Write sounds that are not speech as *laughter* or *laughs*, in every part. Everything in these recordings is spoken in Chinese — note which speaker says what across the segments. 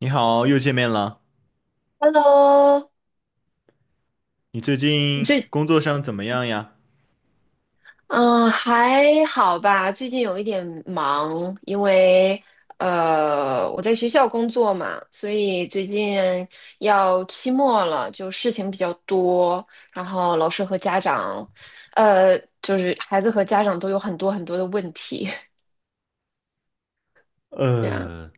Speaker 1: 你好，又见面了。
Speaker 2: Hello,
Speaker 1: 你最近
Speaker 2: 最
Speaker 1: 工作上怎么样呀？
Speaker 2: 嗯还好吧，最近有一点忙，因为我在学校工作嘛，所以最近要期末了，就事情比较多，然后老师和家长，就是孩子和家长都有很多很多的问题。*laughs* 这样
Speaker 1: 呃，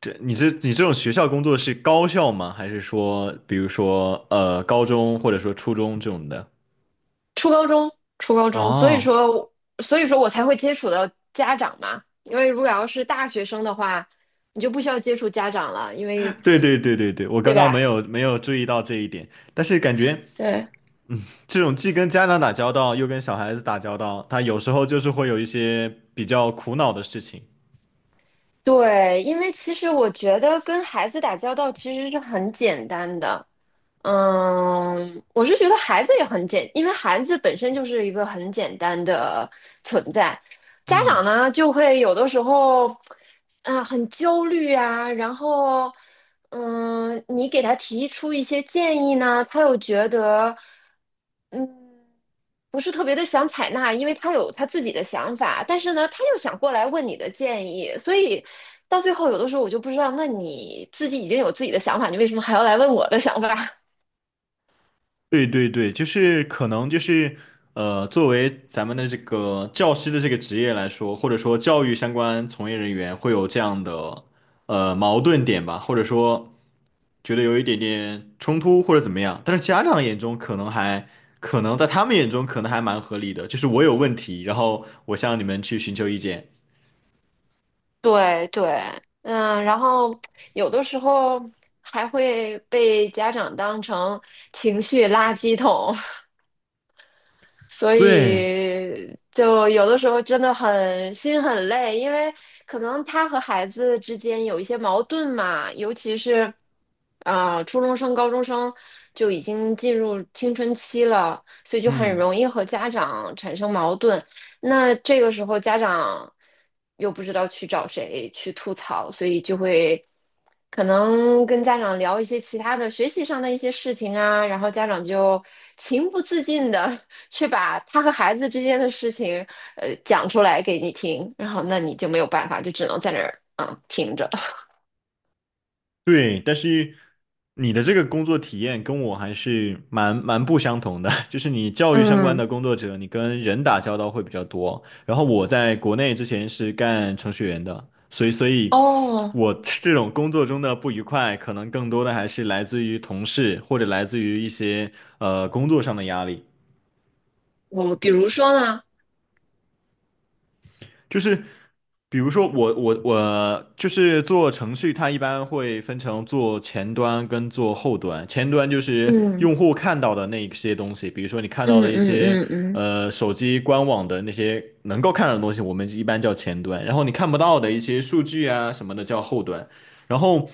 Speaker 1: 这你这种学校工作是高校吗？还是说，比如说高中或者说初中这种的？
Speaker 2: 初高中初高中，
Speaker 1: 哦，
Speaker 2: 所以说我才会接触到家长嘛，因为如果要是大学生的话，你就不需要接触家长了，因为
Speaker 1: 对对对对对，我刚
Speaker 2: 对
Speaker 1: 刚
Speaker 2: 吧？
Speaker 1: 没有注意到这一点，但是感觉
Speaker 2: 对
Speaker 1: 这种既跟家长打交道，又跟小孩子打交道，他有时候就是会有一些比较苦恼的事情。
Speaker 2: 对，因为其实我觉得跟孩子打交道其实是很简单的。嗯，我是觉得孩子也很简，因为孩子本身就是一个很简单的存在。家长
Speaker 1: 嗯。
Speaker 2: 呢，就会有的时候，啊、很焦虑啊，然后，嗯，你给他提出一些建议呢，他又觉得，嗯，不是特别的想采纳，因为他有他自己的想法，但是呢，他又想过来问你的建议，所以到最后有的时候我就不知道，那你自己已经有自己的想法，你为什么还要来问我的想法？
Speaker 1: 对对对，可能就是作为咱们的这个教师的这个职业来说，或者说教育相关从业人员会有这样的矛盾点吧，或者说觉得有一点点冲突或者怎么样，但是家长眼中可能还可能在他们眼中可能还蛮合理的，就是我有问题，然后我向你们去寻求意见。
Speaker 2: *laughs* 对对，嗯，然后有的时候还会被家长当成情绪垃圾桶，所
Speaker 1: 对，
Speaker 2: 以就有的时候真的很心很累，因为可能他和孩子之间有一些矛盾嘛，尤其是，啊、初中生、高中生就已经进入青春期了，所以就很
Speaker 1: 嗯。
Speaker 2: 容易和家长产生矛盾。那这个时候家长又不知道去找谁去吐槽，所以就会可能跟家长聊一些其他的学习上的一些事情啊，然后家长就情不自禁的 *laughs* 去把他和孩子之间的事情讲出来给你听，然后那你就没有办法，就只能在那儿听着。
Speaker 1: 对，但是你的这个工作体验跟我还是蛮不相同的，*laughs* 就是你教育相关
Speaker 2: 嗯，
Speaker 1: 的工作者，你跟人打交道会比较多。然后我在国内之前是干程序员的，所以
Speaker 2: 哦，
Speaker 1: 我 *laughs* 这种工作中的不愉快，可能更多的还是来自于同事或者来自于一些工作上的压力。
Speaker 2: 我比如说呢，
Speaker 1: 就是比如说我就是做程序，它一般会分成做前端跟做后端。前端就是用
Speaker 2: 嗯，
Speaker 1: 户看到的那一些东西，比如说你看到
Speaker 2: 嗯
Speaker 1: 的一
Speaker 2: 嗯，
Speaker 1: 些
Speaker 2: 嗯嗯，
Speaker 1: 手机官网的那些能够看到的东西，我们一般叫前端。然后你看不到的一些数据啊什么的叫后端。然后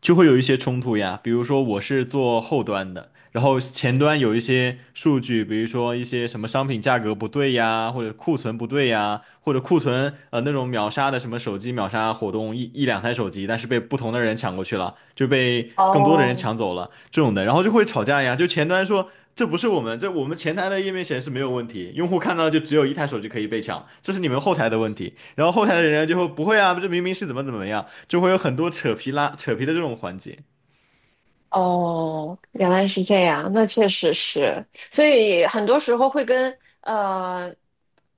Speaker 1: 就会有一些冲突呀。比如说我是做后端的，然后前端有一些数据，比如说一些什么商品价格不对呀，或者库存不对呀，或者那种秒杀的什么手机秒杀活动，一两台手机，但是被不同的人抢过去了，就被更多的人
Speaker 2: 哦，
Speaker 1: 抢走了这种的，然后就会吵架呀。就前端说。这不是我们，这我们前台的页面显示没有问题，用户看到就只有一台手机可以被抢，这是你们后台的问题。然后后台的人就会不会啊，这明明是怎么怎么样，就会有很多扯皮的这种环节。
Speaker 2: 哦，原来是这样，那确实是，所以很多时候会跟呃，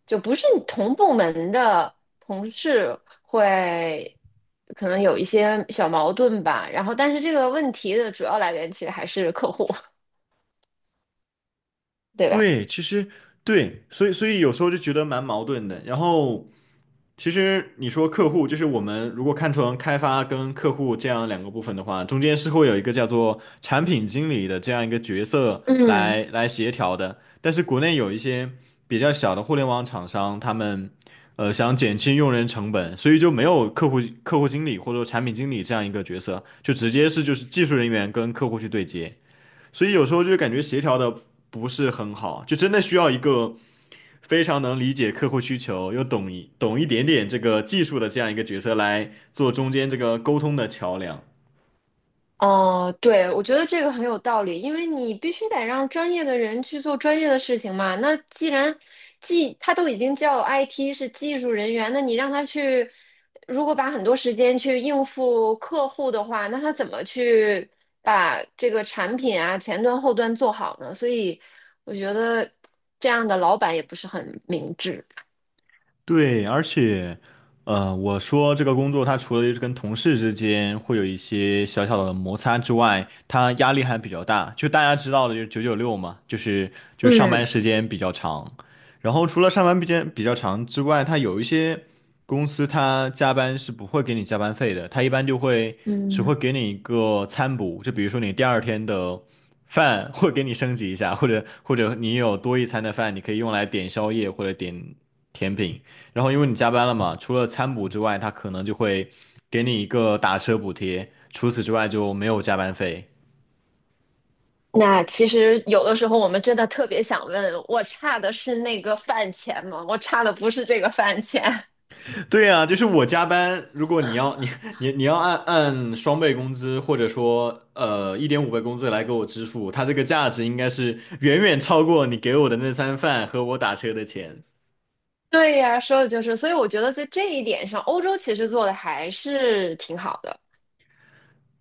Speaker 2: 就不是同部门的同事会可能有一些小矛盾吧，然后但是这个问题的主要来源其实还是客户，对吧？
Speaker 1: 对，其实对，所以有时候就觉得蛮矛盾的。然后其实你说客户，就是我们如果看成开发跟客户这样两个部分的话，中间是会有一个叫做产品经理的这样一个角色
Speaker 2: 嗯。
Speaker 1: 来协调的。但是国内有一些比较小的互联网厂商，他们想减轻用人成本，所以就没有客户经理或者说产品经理这样一个角色，就直接是技术人员跟客户去对接。所以有时候就感觉协调的不是很好，就真的需要一个非常能理解客户需求，又懂点点这个技术的这样一个角色来做中间这个沟通的桥梁。
Speaker 2: 哦，对，我觉得这个很有道理，因为你必须得让专业的人去做专业的事情嘛。那既然他都已经叫 IT 是技术人员，那你让他去，如果把很多时间去应付客户的话，那他怎么去把这个产品啊前端后端做好呢？所以我觉得这样的老板也不是很明智。
Speaker 1: 对，而且，呃，我说这个工作，它除了就是跟同事之间会有一些小小的摩擦之外，它压力还比较大。就大家知道的，就是九九六嘛，就是上班
Speaker 2: 嗯
Speaker 1: 时间比较长。然后除了上班时间比较长之外，它有一些公司它加班是不会给你加班费的，它一般就会只会
Speaker 2: 嗯。
Speaker 1: 给你一个餐补，就比如说你第二天的饭 *laughs* 会给你升级一下，或者你有多一餐的饭，你可以用来点宵夜或者点甜品。然后因为你加班了嘛，除了餐补之外，他可能就会给你一个打车补贴，除此之外就没有加班费。
Speaker 2: 那其实有的时候我们真的特别想问，我差的是那个饭钱吗？我差的不是这个饭钱。*laughs*
Speaker 1: *laughs* 对啊，就是我加班，如果你要 *laughs* 你要按双倍工资或者说一点五倍工资来给我支付，他这个价值应该是远远超过你给我的那餐饭和我打车的钱。
Speaker 2: 对呀，说的就是，所以我觉得在这一点上，欧洲其实做的还是挺好的。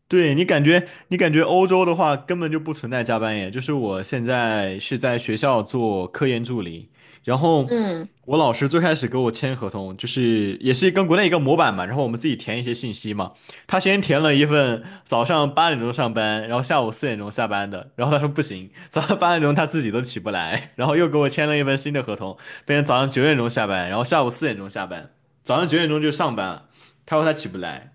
Speaker 1: 对，你感觉欧洲的话根本就不存在加班耶。就是我现在是在学校做科研助理，然后
Speaker 2: 嗯。
Speaker 1: 我老师最开始给我签合同，就是也是跟国内一个模板嘛，然后我们自己填一些信息嘛。他先填了一份早上八点钟上班，然后下午四点钟下班的，然后他说不行，早上八点钟他自己都起不来，然后又给我签了一份新的合同，变成早上九点钟下班，然后下午四点钟下班，早上九点钟就上班了，他说他起不来。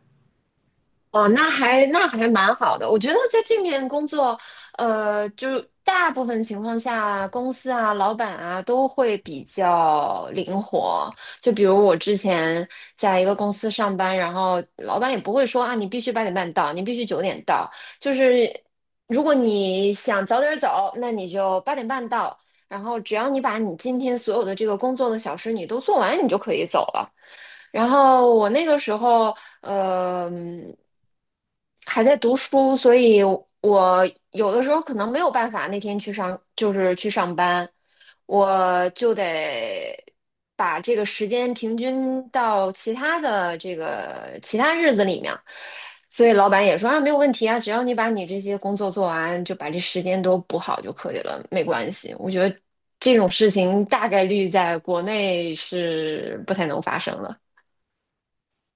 Speaker 2: 哦，那还蛮好的。我觉得在这面工作，就大部分情况下，公司啊、老板啊都会比较灵活。就比如我之前在一个公司上班，然后老板也不会说啊，你必须八点半到，你必须九点到。就是如果你想早点走，那你就八点半到；然后只要你把你今天所有的这个工作的小事你都做完，你就可以走了。然后我那个时候，呃，还在读书，所以我有的时候可能没有办法那天去上，就是去上班，我就得把这个时间平均到其他的这个其他日子里面。所以老板也说啊，没有问题啊，只要你把你这些工作做完，就把这时间都补好就可以了，没关系。我觉得这种事情大概率在国内是不太能发生了。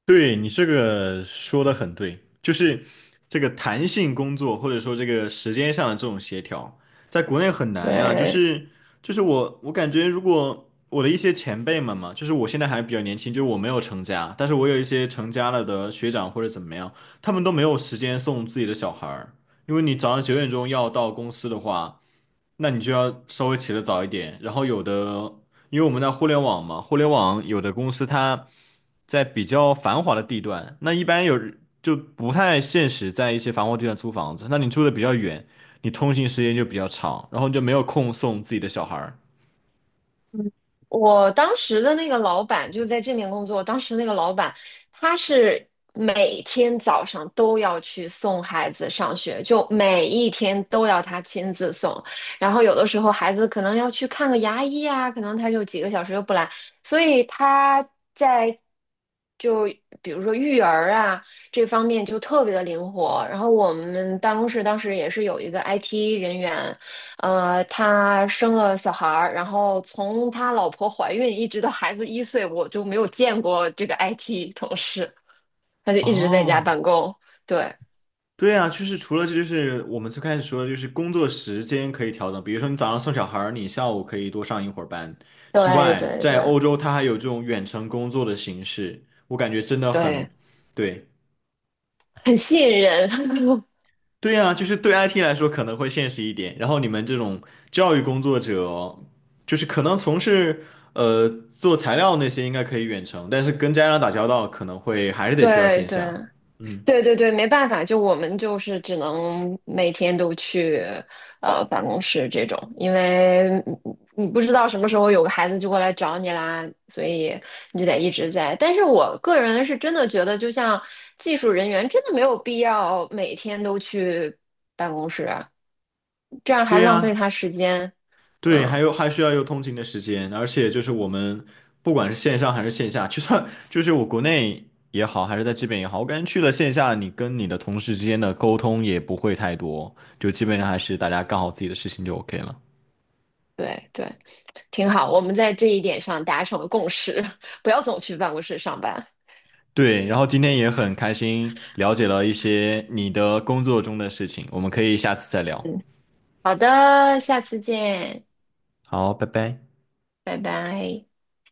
Speaker 1: 对，你这个说的很对，就是这个弹性工作或者说这个时间上的这种协调，在国内很难呀。就
Speaker 2: 对，
Speaker 1: 是就是我感觉，如果我的一些前辈们嘛，就是我现在还比较年轻，就是我没有成家，但是我有一些成家了的学长或者怎么样，他们都没有时间送自己的小孩儿，因为你早上九点钟要到公司的话，那你就要稍微起得早一点，然后有的。因为我们在互联网嘛，互联网有的公司它在比较繁华的地段，那一般不太现实，在一些繁华地段租房子。那你住的比较远，你通勤时间就比较长，然后你就没有空送自己的小孩儿。
Speaker 2: 我当时的那个老板就在这面工作，当时那个老板他是每天早上都要去送孩子上学，就每一天都要他亲自送，然后有的时候孩子可能要去看个牙医啊，可能他就几个小时又不来，所以他在就比如说育儿啊这方面就特别的灵活。然后我们办公室当时也是有一个 IT 人员，他生了小孩儿，然后从他老婆怀孕一直到孩子一岁，我就没有见过这个 IT 同事，他就一直在家办
Speaker 1: 哦，
Speaker 2: 公。对，
Speaker 1: 对啊，就是除了这就是我们最开始说的，就是工作时间可以调整，比如说你早上送小孩儿，你下午可以多上一会儿班之
Speaker 2: 对，
Speaker 1: 外，
Speaker 2: 对，
Speaker 1: 在
Speaker 2: 对，
Speaker 1: 欧洲它还有这种远程工作的形式，我感觉真的很，
Speaker 2: 对，
Speaker 1: 对。
Speaker 2: 很吸引人。*laughs*
Speaker 1: 对呀，就是对 IT 来说可能会现实一点，然后你们这种教育工作者就是可能从事做材料那些应该可以远程，但是跟家长打交道可能会还是得需要
Speaker 2: 对，
Speaker 1: 线
Speaker 2: 对。
Speaker 1: 下。嗯，
Speaker 2: 对对对，没办法，就我们就是只能每天都去办公室这种，因为你不知道什么时候有个孩子就过来找你啦，所以你就得一直在。但是我个人是真的觉得，就像技术人员，真的没有必要每天都去办公室啊，这样还
Speaker 1: 对
Speaker 2: 浪费
Speaker 1: 呀，
Speaker 2: 他时间。
Speaker 1: 对，
Speaker 2: 嗯，
Speaker 1: 还有还需要有通勤的时间，而且就是我们不管是线上还是线下，就算就是我国内也好，还是在这边也好，我感觉去了线下，你跟你的同事之间的沟通也不会太多，就基本上还是大家干好自己的事情就 OK 了。
Speaker 2: 对对，挺好，我们在这一点上达成了共识，*laughs* 不要总去办公室上班。
Speaker 1: 对，然后今天也很开心了解了一些你的工作中的事情，我们可以下次再聊。
Speaker 2: 嗯，好的，下次见。
Speaker 1: 好，拜拜。
Speaker 2: 拜拜。